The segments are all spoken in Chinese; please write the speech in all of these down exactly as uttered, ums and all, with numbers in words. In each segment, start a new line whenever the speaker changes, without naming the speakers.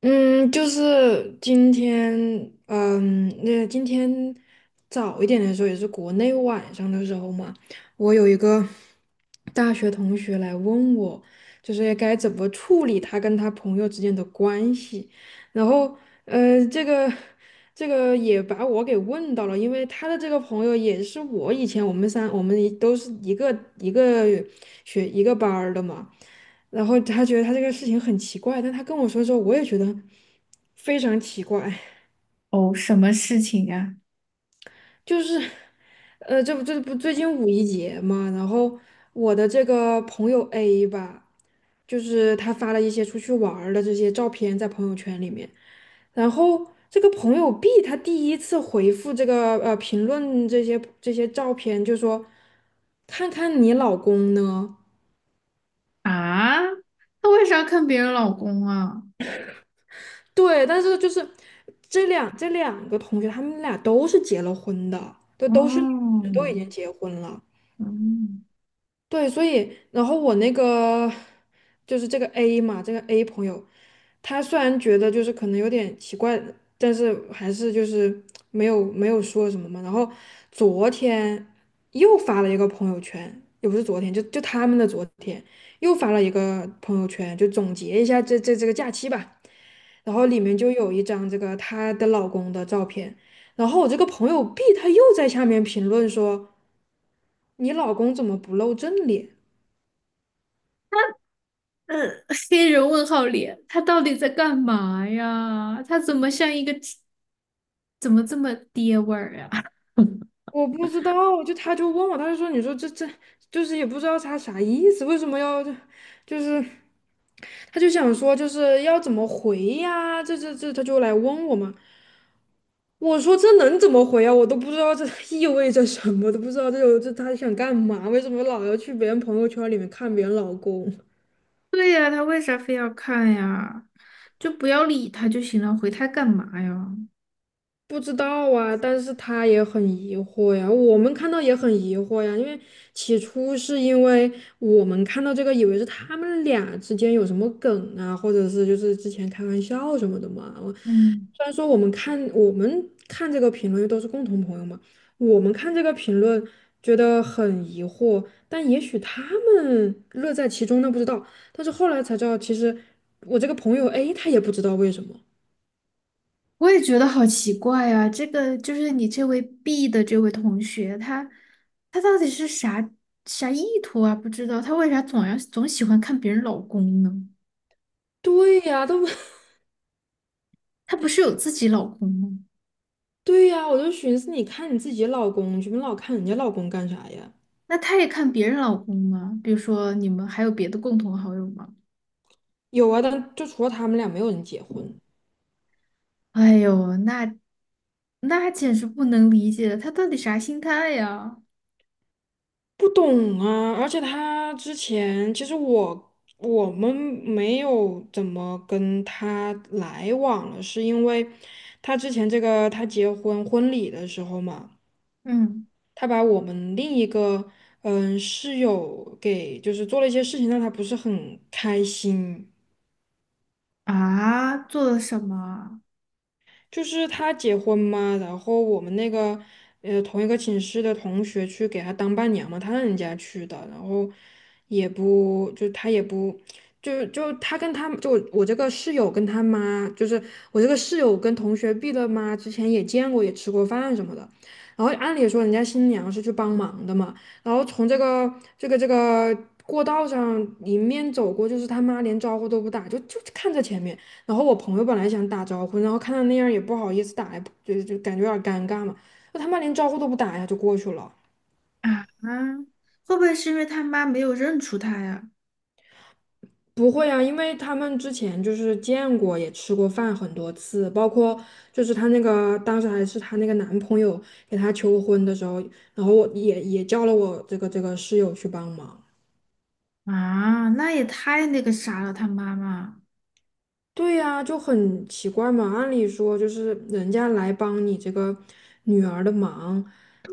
嗯，就是今天，嗯，那今天早一点的时候，也是国内晚上的时候嘛，我有一个大学同学来问我，就是该怎么处理他跟他朋友之间的关系，然后呃，这个这个也把我给问到了，因为他的这个朋友也是我以前，我们三我们一都是一个一个学一个班儿的嘛，然后他觉得他这个事情很奇怪，但他跟我说之后，我也觉得非常奇怪。
哦，什么事情呀？
就是，呃，这不这不最近五一节嘛，然后我的这个朋友 A 吧，就是他发了一些出去玩儿的这些照片在朋友圈里面，然后这个朋友 B 他第一次回复这个呃评论这些这些照片，就说看看你老公呢。
啊，他为啥看别人老公啊？
对，但是就是这两这两个同学他们俩都是结了婚的，都都是女，
哦，
的，都已经结婚了。
嗯，
对，所以然后我那个，就是这个 A 嘛，这个 A 朋友，他虽然觉得就是可能有点奇怪，但是还是就是没有没有说什么嘛。然后昨天又发了一个朋友圈，也不是昨天，就就他们的昨天又发了一个朋友圈，就总结一下这这这个假期吧。然后里面就有一张这个她的老公的照片，然后我这个朋友 B 他又在下面评论说："你老公怎么不露正脸？"
呃，黑人问号脸，他到底在干嘛呀？他怎么像一个，怎么这么爹味儿呀？
我不知道，就他就问我，他就说，你说这这就是也不知道他啥意思，为什么要就是他就想说就是要怎么回呀、这这这他就来问我嘛，我说这能怎么回啊？我都不知道这 意味着什么，都不知道这有这他想干嘛？为什么老要去别人朋友圈里面看别人老公？
对呀，他为啥非要看呀？就不要理他就行了，回他干嘛呀？
不知道啊，但是他也很疑惑呀，我们看到也很疑惑呀，因为起初是因为我们看到这个，以为是他们俩之间有什么梗啊，或者是就是之前开玩笑什么的嘛。我
嗯。
虽然说我们看我们看这个评论都是共同朋友嘛，我们看这个评论觉得很疑惑，但也许他们乐在其中，那不知道。但是后来才知道，其实我这个朋友 A 他也不知道为什么。
我也觉得好奇怪啊，这个就是你这位 B 的这位同学，他他到底是啥啥意图啊？不知道他为啥总要总喜欢看别人老公呢？
对呀，都
他不是有自己老公吗？
对呀，我就寻思，你看你自己老公去，你老看人家老公干啥呀？
那他也看别人老公吗？比如说你们还有别的共同好友吗？
有啊，但就除了他们俩，没有人结婚。
哎呦，那那简直不能理解了，他到底啥心态呀？
不懂啊，而且他之前其实我我们没有怎么跟他来往了，是因为他之前这个他结婚婚礼的时候嘛，
嗯
他把我们另一个嗯室友给就是做了一些事情，让他不是很开心。
啊，做了什么
就是他结婚嘛，然后我们那个呃同一个寝室的同学去给他当伴娘嘛，他让人家去的，然后也不就他也不，就就他跟他，就我我这个室友跟他妈，就是我这个室友跟同学毕了妈之前也见过，也吃过饭什么的。然后按理说人家新娘是去帮忙的嘛，然后从这个这个这个过道上迎面走过，就是他妈连招呼都不打，就就看着前面。然后我朋友本来想打招呼，然后看他那样儿也不好意思打，也不就就感觉有点儿尴尬嘛。那他妈连招呼都不打呀，就过去了。
啊？啊，会不会是因为他妈没有认出他呀？
不会啊，因为他们之前就是见过，也吃过饭很多次，包括就是她那个当时还是她那个男朋友给她求婚的时候，然后我也也叫了我这个这个室友去帮忙。
啊，那也太那个啥了，他妈妈。
对呀，就很奇怪嘛。按理说，就是人家来帮你这个女儿的忙，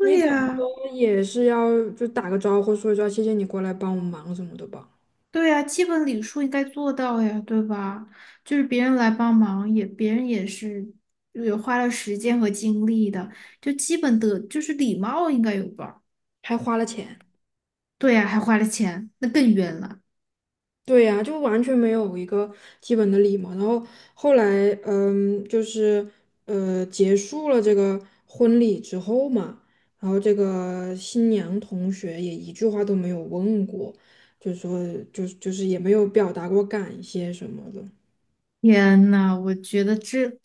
你怎么
呀，
都也是要就打个招呼，说一说谢谢你过来帮我忙什么的吧，
对呀，基本礼数应该做到呀，对吧？就是别人来帮忙也，别人也是也花了时间和精力的，就基本的就是礼貌应该有吧？
还花了钱。
对呀，还花了钱，那更冤了。
对呀，就完全没有一个基本的礼貌。然后后来，嗯，就是，呃，结束了这个婚礼之后嘛，然后这个新娘同学也一句话都没有问过，就说，就就是也没有表达过感谢什么的。
天呐，我觉得这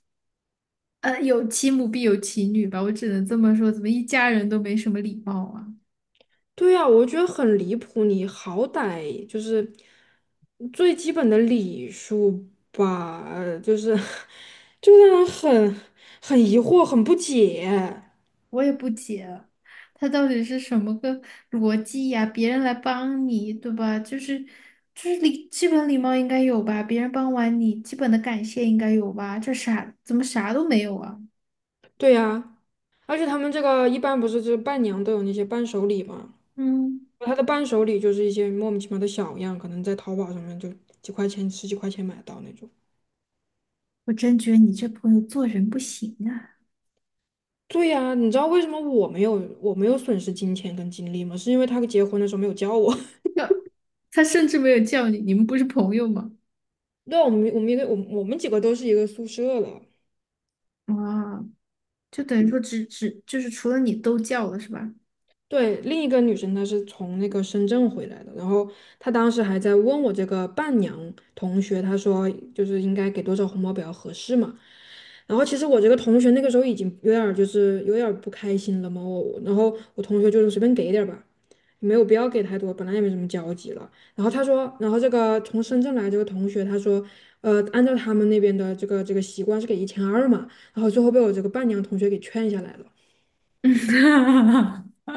呃有其母必有其女吧，我只能这么说，怎么一家人都没什么礼貌啊？
对呀，我觉得很离谱。你好歹就是最基本的礼数吧，呃就是 就让人很，很疑惑、很不解。
我也不解啊，他到底是什么个逻辑呀？别人来帮你，对吧？就是就是礼，基本礼貌应该有吧？别人帮完你，基本的感谢应该有吧？这啥，怎么啥都没有啊？
对呀，而且他们这个一般不是就是伴娘都有那些伴手礼嘛，
嗯，
他的伴手礼就是一些莫名其妙的小样，可能在淘宝上面就几块钱、十几块钱买得到那种。
我真觉得你这朋友做人不行啊！
对呀，你知道为什么我没有我没有损失金钱跟精力吗？是因为他结婚的时候没有叫我。
他甚至没有叫你，你们不是朋友吗？
对啊，我们我们一个我们我们几个都是一个宿舍了。
啊，就等于说只只就是除了你都叫了是吧？
对，另一个女生她是从那个深圳回来的，然后她当时还在问我这个伴娘同学，她说就是应该给多少红包比较合适嘛。然后其实我这个同学那个时候已经有点儿就是有点儿不开心了嘛，我然后我同学就是随便给一点儿吧，没有必要给太多，本来也没什么交集了。然后他说，然后这个从深圳来这个同学，他说，呃，按照他们那边的这个这个习惯是给一千二嘛，然后最后被我这个伴娘同学给劝下来了。
嗯，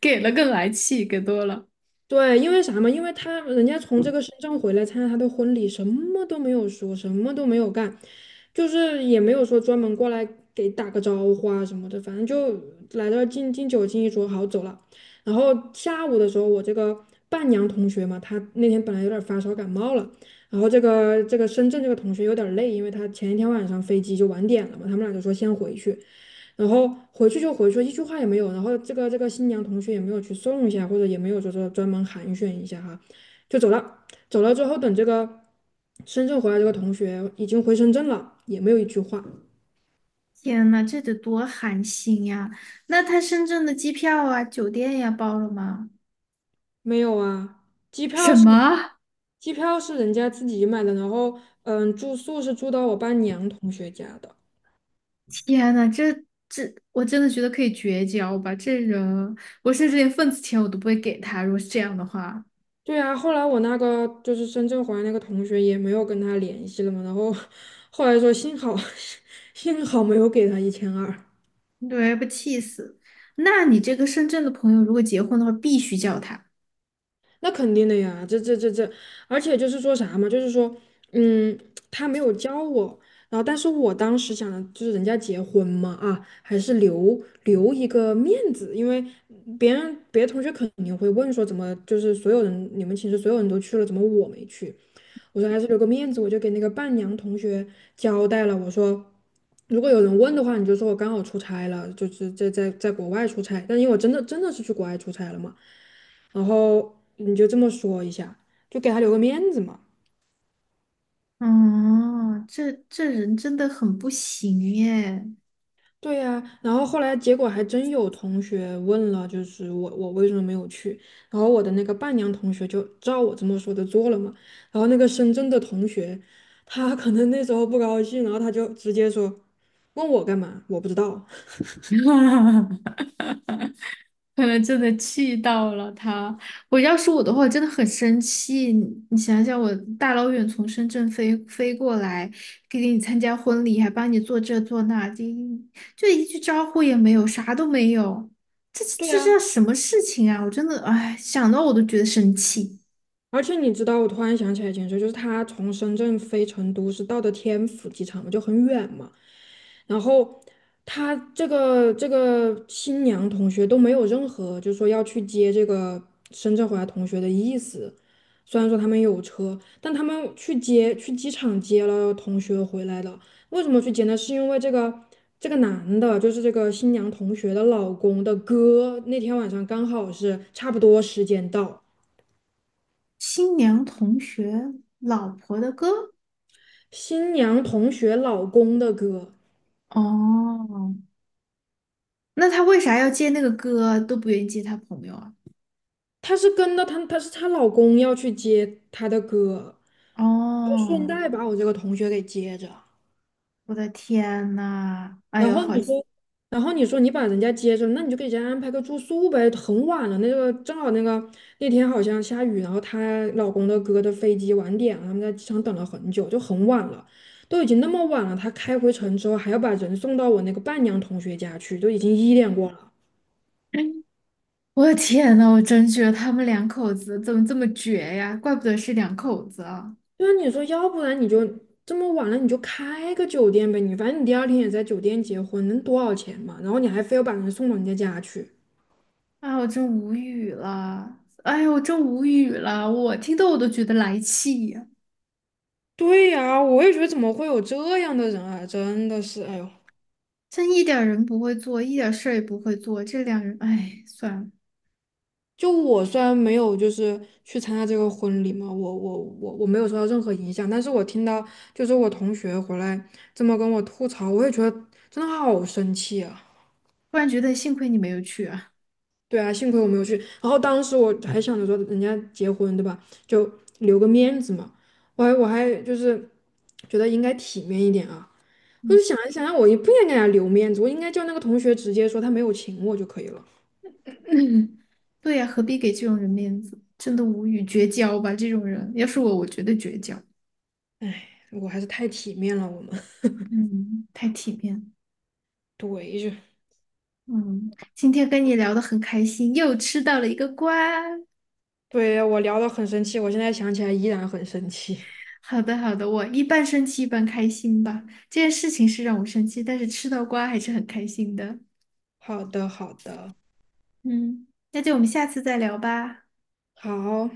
给了更来气，给多了。
对，因为啥嘛？因为他人家从这个深圳回来参加他的婚礼，什么都没有说，什么都没有干，就是也没有说专门过来给打个招呼啊什么的，反正就来这儿敬敬酒敬一桌，好走了。然后下午的时候，我这个伴娘同学嘛，她那天本来有点发烧感冒了，然后这个这个深圳这个同学有点累，因为她前一天晚上飞机就晚点了嘛，他们俩就说先回去。然后回去就回去，一句话也没有。然后这个这个新娘同学也没有去送一下，或者也没有就是专门寒暄一下哈，就走了。走了之后，等这个深圳回来，这个同学已经回深圳了，也没有一句话。
天呐，这得多寒心呀！那他深圳的机票啊、酒店呀包了吗？
没有啊，机
什
票是
么？
机票是人家自己买的，然后，嗯，住宿是住到我伴娘同学家的。
天呐，这这，我真的觉得可以绝交吧！这人，我甚至连份子钱我都不会给他。如果是这样的话，
对啊，后来我那个就是深圳回来那个同学也没有跟他联系了嘛，然后 后来说幸好 幸好没有给他一千二。
对，不气死。那你这个深圳的朋友，如果结婚的话，必须叫他。
那肯定的呀，这这这这，而且就是说啥嘛，就是说，嗯，他没有教我，然后但是我当时想的就是人家结婚嘛，啊，还是留留一个面子，因为别人别的同学肯定会问说，怎么就是所有人你们寝室所有人都去了，怎么我没去？我说还是留个面子，我就给那个伴娘同学交代了，我说如果有人问的话，你就说我刚好出差了，就是在在在国外出差，但因为我真的真的是去国外出差了嘛，然后你就这么说一下，就给他留个面子嘛。
哦，这这人真的很不行耶。
对呀，然后后来结果还真有同学问了，就是我我为什么没有去？然后我的那个伴娘同学就照我这么说的做了嘛。然后那个深圳的同学，他可能那时候不高兴，然后他就直接说问我干嘛？我不知道。
可能真的气到了他。我要是我的话，我真的很生气。你你想想，我大老远从深圳飞飞过来，给你参加婚礼，还帮你做这做那，就一就一句招呼也没有，啥都没有。这
对
这
呀，
叫什么事情啊？我真的，哎，想到我都觉得生气。
而且你知道，我突然想起来一件事，就是他从深圳飞成都是到的天府机场嘛，就很远嘛。然后他这个这个新娘同学都没有任何就是说要去接这个深圳回来同学的意思。虽然说他们有车，但他们去接，去机场接了同学回来的。为什么去接呢？是因为这个这个男的，就是这个新娘同学的老公的哥，那天晚上刚好是差不多时间到。
新娘同学老婆的歌，
新娘同学老公的歌，
哦，那他为啥要接那个歌？都不愿意接他朋友啊？
她是跟着她，她是她老公要去接她的歌，
哦。
顺带把我这个同学给接着。
我的天呐，哎
然
呦，
后
好
你
心
说，然后你说你把人家接着，那你就给人家安排个住宿呗。很晚了，那个正好那个那天好像下雨，然后她老公的哥的飞机晚点了，他们在机场等了很久，就很晚了，都已经那么晚了，他开回城之后还要把人送到我那个伴娘同学家去，都已经一点过了。
我的天呐，我真觉得他们两口子怎么这么绝呀？怪不得是两口子啊！
对啊，你说，要不然你就这么晚了，你就开个酒店呗，你反正你第二天也在酒店结婚，能多少钱嘛？然后你还非要把人送到人家家去。
哎，我真无语了，哎呦，我真无语了，我听得我都觉得来气呀、
对呀，我也觉得怎么会有这样的人啊！真的是，哎呦，
真一点儿人不会做，一点事儿也不会做，这两人，哎，算了，
就我虽然没有就是去参加这个婚礼嘛，我我我我没有受到任何影响，但是我听到就是我同学回来这么跟我吐槽，我也觉得真的好生气啊。
突然觉得幸亏你没有去啊。
对啊，幸亏我没有去。然后当时我还想着说，人家结婚对吧，就留个面子嘛。我还我还就是觉得应该体面一点啊。我
嗯，
就想一想，我也不应该给他留面子，我应该叫那个同学直接说他没有请我就可以了。
对呀、何必给这种人面子？真的无语，绝交吧，这种人，要是我，我绝对绝交。
我还是太体面了，我们。
嗯，太体面了。
一句，就
嗯，今天跟你聊的很开心，又吃到了一个瓜。
对我聊的很生气，我现在想起来依然很生气。
好的，好的，我一半生气一半开心吧。这件事情是让我生气，但是吃到瓜还是很开心的。
好的，好的，
嗯，那就我们下次再聊吧。
好。